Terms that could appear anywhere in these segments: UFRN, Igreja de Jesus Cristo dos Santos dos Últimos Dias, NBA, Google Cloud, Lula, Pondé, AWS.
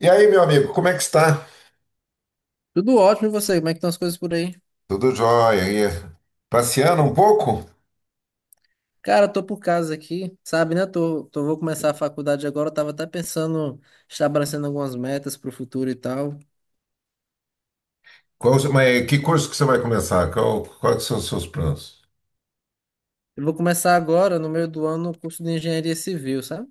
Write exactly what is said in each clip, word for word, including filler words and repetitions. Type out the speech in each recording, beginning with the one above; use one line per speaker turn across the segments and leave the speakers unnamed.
E aí, meu amigo, como é que está?
Tudo ótimo, e você? Como é que estão as coisas por aí?
Tudo jóia. E passeando um pouco?
Cara, tô por casa aqui, sabe, né? Tô, tô, vou começar a faculdade agora. Eu tava até pensando, estabelecendo algumas metas pro futuro e tal.
Qual, mas que curso que você vai começar? Qual, quais são os seus planos?
Eu vou começar agora, no meio do ano, o curso de engenharia civil, sabe?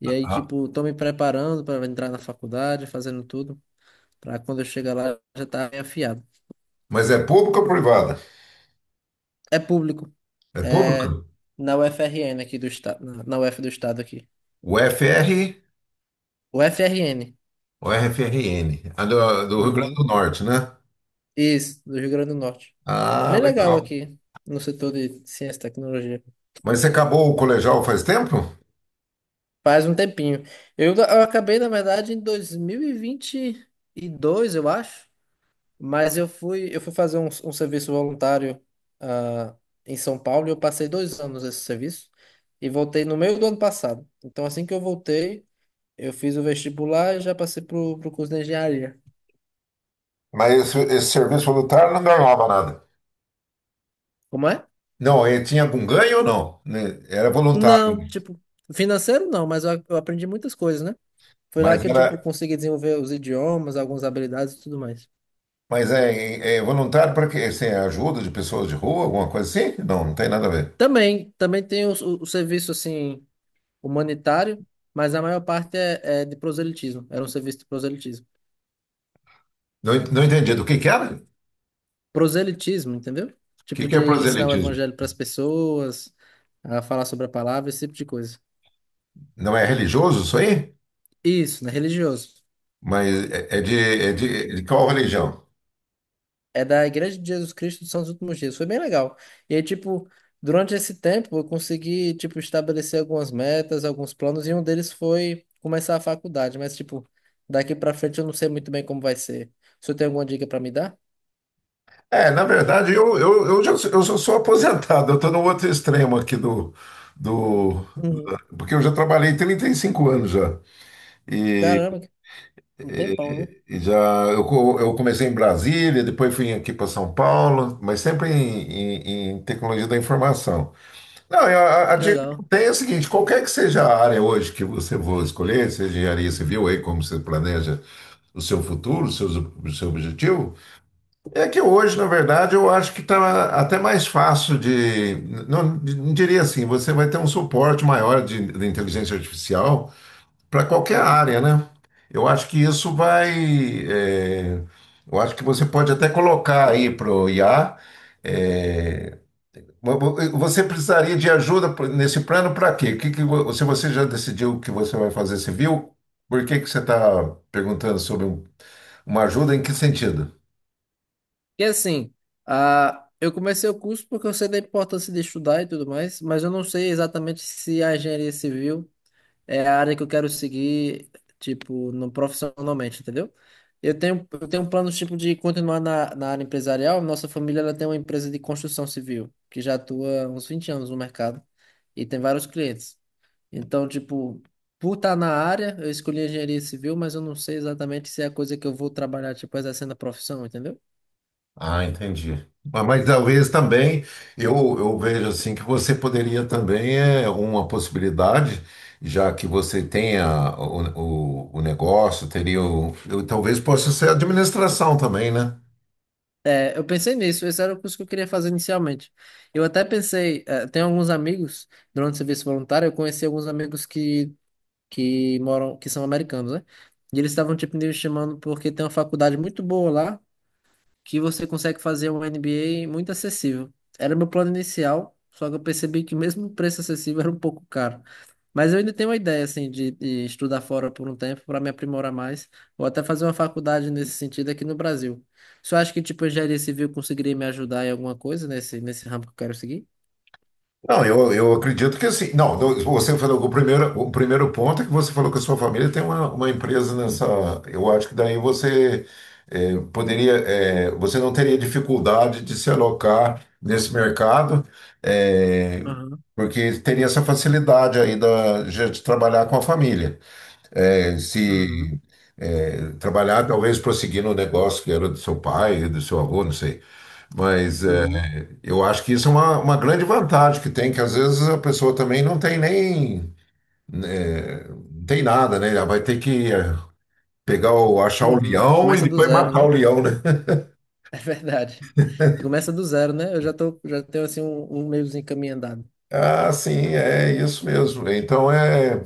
E aí,
Ah,
tipo, tô me preparando para entrar na faculdade, fazendo tudo, pra quando eu chegar lá já tá bem afiado.
mas é pública ou privada?
É público,
É ah, pública?
é na U F R N aqui do estado, na na U F do estado aqui.
O F R
U F R N.
ou R F R N? A do, do Rio Grande do
Uhum.
Norte, né?
Isso, do Rio Grande do Norte.
Ah,
Bem
legal.
legal
Legal.
aqui no setor de ciência e tecnologia.
Mas você acabou o colegial faz tempo?
Faz um tempinho. Eu, eu acabei, na verdade, em dois mil e vinte e dois, eu acho, mas eu fui, eu fui fazer um, um serviço voluntário, ah, em São Paulo e eu passei dois anos nesse serviço e voltei no meio do ano passado. Então, assim que eu voltei, eu fiz o vestibular e já passei pro, pro curso de engenharia.
Mas esse, esse serviço voluntário não ganhava nada.
Como é?
Não, ele tinha algum ganho ou não? Né? Era voluntário,
Não, tipo, financeiro não, mas eu, eu aprendi muitas coisas, né? Foi lá
mas
que eu, tipo,
era.
consegui desenvolver os idiomas, algumas habilidades e tudo mais.
Mas é, é é voluntário para quê? Assim, é ajuda de pessoas de rua, alguma coisa assim? Não, não tem nada a ver.
Também, também tem o, o- o serviço, assim, humanitário, mas a maior parte é, é de proselitismo. Era um serviço de proselitismo.
Não, en- não entendi. Do que que era? O
Proselitismo, entendeu?
que
Tipo,
que é
de ensinar o
proselitismo?
evangelho para as pessoas, a falar sobre a palavra, esse tipo de coisa.
Não é religioso isso aí?
Isso, né? Religioso.
Mas é, é de, é de, de qual religião?
É da Igreja de Jesus Cristo dos Santos dos Últimos Dias. Foi bem legal. E aí, tipo, durante esse tempo eu consegui, tipo, estabelecer algumas metas, alguns planos, e um deles foi começar a faculdade. Mas, tipo, daqui pra frente eu não sei muito bem como vai ser. O senhor tem alguma dica pra me dar?
É, na verdade, eu, eu, eu, já, sou- eu só sou aposentado. Eu estou no outro extremo aqui do, do...
Uhum.
da- Porque eu já trabalhei trinta e cinco anos já. E,
Caramba, que- Um tempão, né?
e já eu, co- eu comecei em Brasília, depois fui aqui para São Paulo, mas sempre em, em em tecnologia da informação. Não, eu- a, a
Que
dica que eu
legal.
tenho é a seguinte: qualquer que seja a área hoje que você for escolher, seja engenharia civil, aí como você planeja o seu futuro, o seu, o seu objetivo, é que hoje, na verdade, eu acho que está até mais fácil de. Não, não diria assim, você vai ter um suporte maior de, de inteligência artificial para qualquer
Uhum.
área, né? Eu acho que isso vai. é, eu acho que você pode até colocar aí para o I A. Você precisaria de ajuda nesse plano para quê? que que vo- se você já decidiu o que você vai fazer civil, por que que você está perguntando sobre um- uma ajuda em que sentido?
E assim, ah, eu comecei o curso porque eu sei da importância de estudar e tudo mais, mas eu não sei exatamente se a engenharia civil é a área que eu quero seguir, tipo, no, profissionalmente, entendeu? Eu tenho, eu tenho um plano, tipo, de continuar na, na área empresarial. Nossa família, ela tem uma empresa de construção civil, que já atua há uns vinte anos no mercado e tem vários clientes. Então, tipo, por estar na área, eu escolhi engenharia civil, mas eu não sei exatamente se é a coisa que eu vou trabalhar, tipo, exercendo a profissão, entendeu?
Ah, entendi. Mas, mas talvez também eu, eu vejo assim que você poderia também é uma possibilidade, já que você tenha o, o, o negócio, teria o, eu, talvez possa ser administração também, né?
É, eu pensei nisso, esse era o curso que eu queria fazer inicialmente. Eu até pensei, eh, tem alguns amigos, durante o serviço voluntário, eu conheci alguns amigos que, que moram, que são americanos, né? E eles estavam, tipo, me chamando porque tem uma faculdade muito boa lá, que você consegue fazer um N B A muito acessível. Era meu plano inicial, só que eu percebi que mesmo o preço acessível era um pouco caro. Mas eu ainda tenho uma ideia assim de, de estudar fora por um tempo para me aprimorar mais, ou até fazer uma faculdade nesse sentido aqui no Brasil. Você acha que tipo engenharia civil conseguiria me ajudar em alguma coisa nesse nesse ramo que eu quero seguir?
Não, eu, eu acredito que assim. Não, do- você falou que o primeiro, o primeiro ponto é que você falou que a sua família tem uma, uma empresa nessa. Eu acho que daí você eh, poderia. Eh, você não teria dificuldade de se alocar nesse mercado, eh,
Aham,
porque teria essa facilidade aí da, de de trabalhar com a família. Eh,
uhum,
se eh, trabalhar, talvez prosseguir no negócio que era do seu pai, do seu avô, não sei. Mas, é,
uhum,
eu acho que isso é uma, uma grande vantagem que tem, que às vezes a pessoa também não tem nem, né, não tem nada, né? Ela vai ter que eh, pegar o, achar o
uhum.
leão e
Começa do
depois
zero,
matar o
né?
leão, né?
É verdade. Começa do zero, né? Eu já tô, já tenho assim um, um meiozinho caminho andado.
Ah, sim, é isso mesmo. Então, é,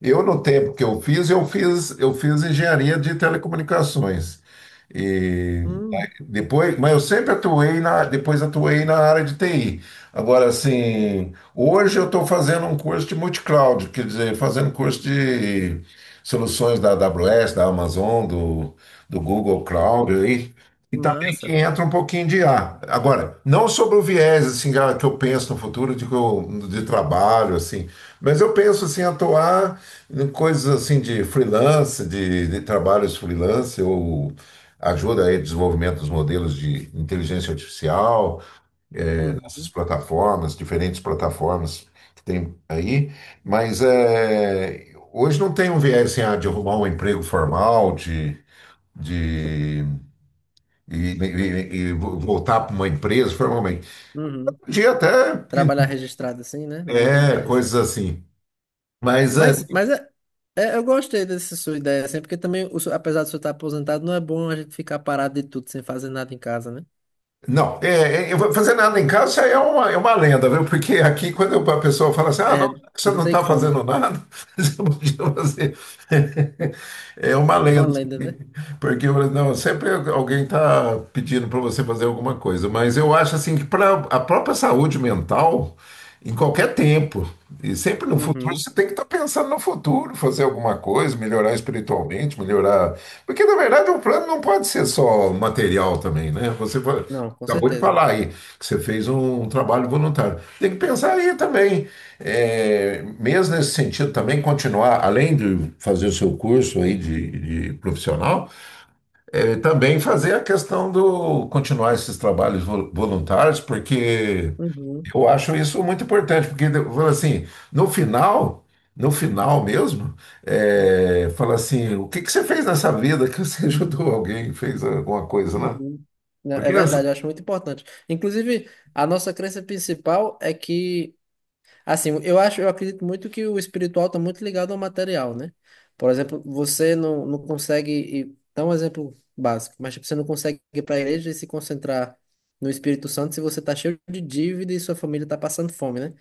eu no tempo que eu fiz, eu fiz, eu fiz engenharia de telecomunicações. E
Hum,
Depois, mas eu sempre atuei na, depois atuei na área de T I. Agora, assim, hoje eu estou fazendo um curso de multicloud, quer dizer, fazendo curso de soluções da A W S, da Amazon, do, do Google Cloud aí,
que
e também que
massa.
entra um pouquinho de I A. Agora, não sobre o viés assim ah, que eu penso no futuro de, que eu- de trabalho assim, mas eu penso assim atuar em coisas assim de freelance, de, de trabalhos freelance ou ajuda aí o desenvolvimento dos modelos de inteligência artificial, essas
Uhum.
plataformas, diferentes plataformas que tem aí, mas é, hoje não tem um viés assim, ah, de arrumar um emprego formal, de, de e, e- e vo- voltar para uma empresa formalmente.
Uhum.
Podia até
Trabalhar
pintar,
registrado assim, né? Não tem
é,
interesse,
coisas
hein?
assim. Mas é.
Mas, mas é, é- eu gostei dessa sua ideia, assim, porque também, o seu- apesar de você estar aposentado, não é bom a gente ficar parado de tudo sem fazer nada em casa, né?
Não, é, é, eu vou fazer nada em casa é uma, é uma lenda, viu? Porque aqui, quando a pessoa fala assim, ah, não,
É,
já que você
não
não
tem
está
como.
fazendo nada, você podia fazer. É uma
É uma
lenda.
lenda, né?
Porque não, sempre alguém está pedindo para você fazer alguma coisa. Mas eu acho assim que para a própria saúde mental, em qualquer tempo, e sempre no futuro,
Uhum.
você tem que estar pensando no futuro, fazer alguma coisa, melhorar espiritualmente, melhorar. Porque, na verdade, o plano não pode ser só material também, né? Você pode.
Não, com
Acabou de
certeza.
falar aí que você fez um um trabalho voluntário. Tem que pensar aí também, é, mesmo nesse sentido, também continuar, além de fazer o seu curso aí de, de profissional, é, também fazer a questão do continuar esses trabalhos vo- voluntários, porque
Uhum.
eu acho isso muito importante, porque fala assim, no final, no final mesmo, é, fala assim, o que que você fez nessa vida que você ajudou alguém, fez alguma coisa, né?
Uhum. Não,
Porque
é
às.
verdade, eu acho muito importante. Inclusive, a nossa crença principal é que assim, eu acho, eu acredito muito que o espiritual está muito ligado ao material, né? Por exemplo, você não, não consegue, ir- dá um exemplo básico, mas tipo, você não consegue ir para a igreja e se concentrar no Espírito Santo se você está cheio de dívida e sua família está passando fome, né?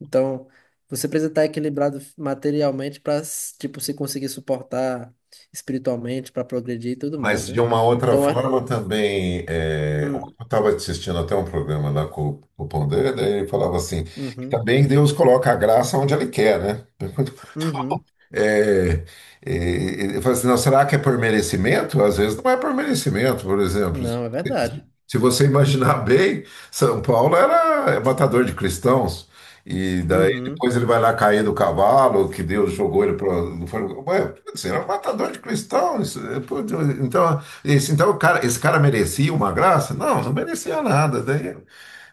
Então, você precisa estar equilibrado materialmente para, tipo, se conseguir suportar espiritualmente, para progredir e tudo mais,
Mas de
né?
uma outra
Então, a-
forma também, é, eu
hum,
estava assistindo até um programa lá com, com o Pondé, daí ele falava assim, que
uhum,
também Deus coloca a graça onde ele quer, né?
uhum,
É, é, ele fala assim, não, será que é por merecimento? Às vezes não é por merecimento, por exemplo.
não, é verdade.
Se você imaginar bem, São Paulo era matador de cristãos. E daí
Uhum,
depois ele vai lá cair do cavalo, que Deus jogou ele para. Ué, você era um matador de cristãos. Pô, Deus, Então, esse, então o cara, esse cara merecia uma graça? Não, não merecia nada. Daí,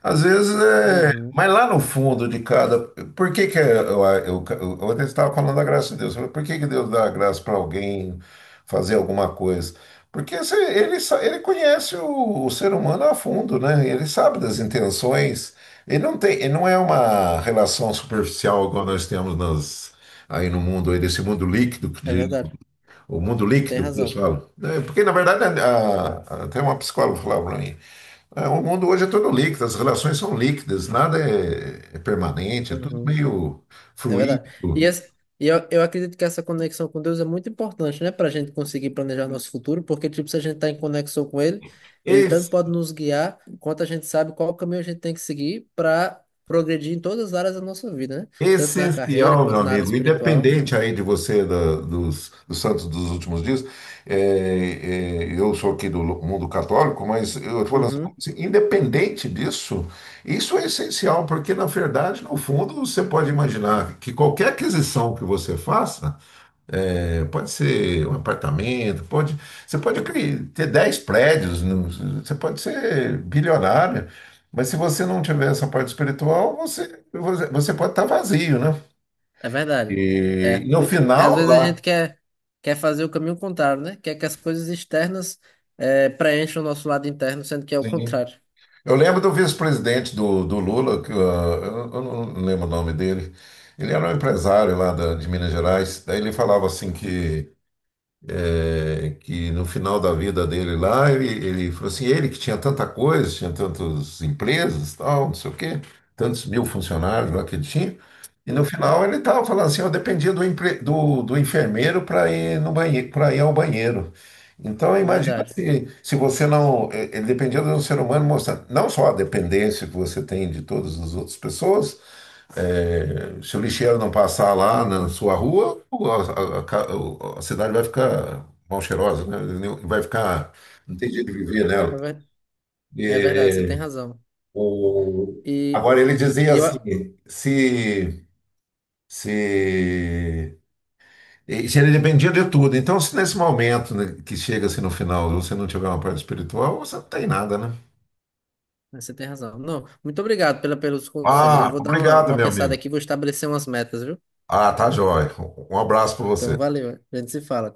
às vezes, é,
uhum,
mas lá no fundo de cada. Por que que eu, eu, eu, ontem estava falando da graça de Deus? Eu falei, por que que Deus dá a graça para alguém fazer alguma coisa? Porque se- ele, sa- ele conhece o, o ser humano a fundo, né? Ele sabe das intenções. Ele não tem, ele não é uma relação superficial igual nós temos nas, aí no mundo, aí desse mundo líquido, que
é
de-
verdade.
o mundo
Você tem
líquido que eles
razão.
falam. né? Porque, na verdade, a- a- até uma psicóloga falava para mim. É, o mundo hoje é todo líquido, as relações são líquidas, nada é, é permanente, é tudo
Uhum,
meio
é verdade. E,
fluido.
essa- e eu, eu acredito que essa conexão com Deus é muito importante, né, para a gente conseguir planejar nosso futuro, porque, tipo, se a gente está em conexão com Ele, Ele tanto
Es-
pode nos guiar, quanto a gente sabe qual caminho a gente tem que seguir para progredir em todas as áreas da nossa vida, né? Tanto na carreira
essencial, meu
quanto na área
amigo,
espiritual.
independente aí de você, da- dos, dos santos dos últimos dias, é, é, eu sou aqui do mundo católico, mas eu tô falando
Uhum.
assim, independente disso, isso é essencial, porque na verdade, no fundo, você pode imaginar que qualquer aquisição que você faça, é, pode ser um apartamento, pode, você pode cri- ter dez prédios, no- você pode ser bilionário, mas se você não tiver essa parte espiritual, você, você, você pode estar vazio, né?
É verdade.
E
É.
no
O, o- às
final
vezes a
lá,
gente quer, quer fazer o caminho contrário, né? Quer que as coisas externas é, preencham o nosso lado interno, sendo que é o
sim.
contrário.
Eu lembro do vice-presidente do, do Lula, que, ah, eu, eu não lembro o nome dele, ele era um empresário lá da- de Minas Gerais, daí ele falava assim que é, que no final da vida dele lá, ele, ele falou assim, ele que tinha tanta coisa, tinha tantas empresas, tal, não sei o quê, tantos mil funcionários lá que ele tinha, e no
Hum,
final ele estava falando assim, eu dependia do, empre- do, do enfermeiro para ir no banheiro, para ir ao banheiro. Então,
É
imagina
verdade.
se, se você não. eh, Ele dependia de um ser humano mostrando não só a dependência que você tem de todas as outras pessoas, é, se o lixeiro não passar lá na sua rua, o- a, a ca- o- a cidade vai ficar mal cheirosa, né? Nem- Vai ficar, não tem jeito de viver nela.
É, ver- é verdade, você
E,
tem razão.
o,
E,
agora ele dizia
e eu.
assim,
a-
se, se, e se ele dependia de tudo. Então, se nesse momento, né, que chega assim no final, você não tiver uma parte espiritual, você não tem nada, né?
é, Você tem razão. Não, muito obrigado pela, pelos conselhos. Eu
Ah,
vou dar uma,
obrigado,
uma
meu
pensada
amigo.
aqui, vou estabelecer umas metas, viu?
Ah, tá jóia. Um abraço para você.
Então, valeu. A gente se fala.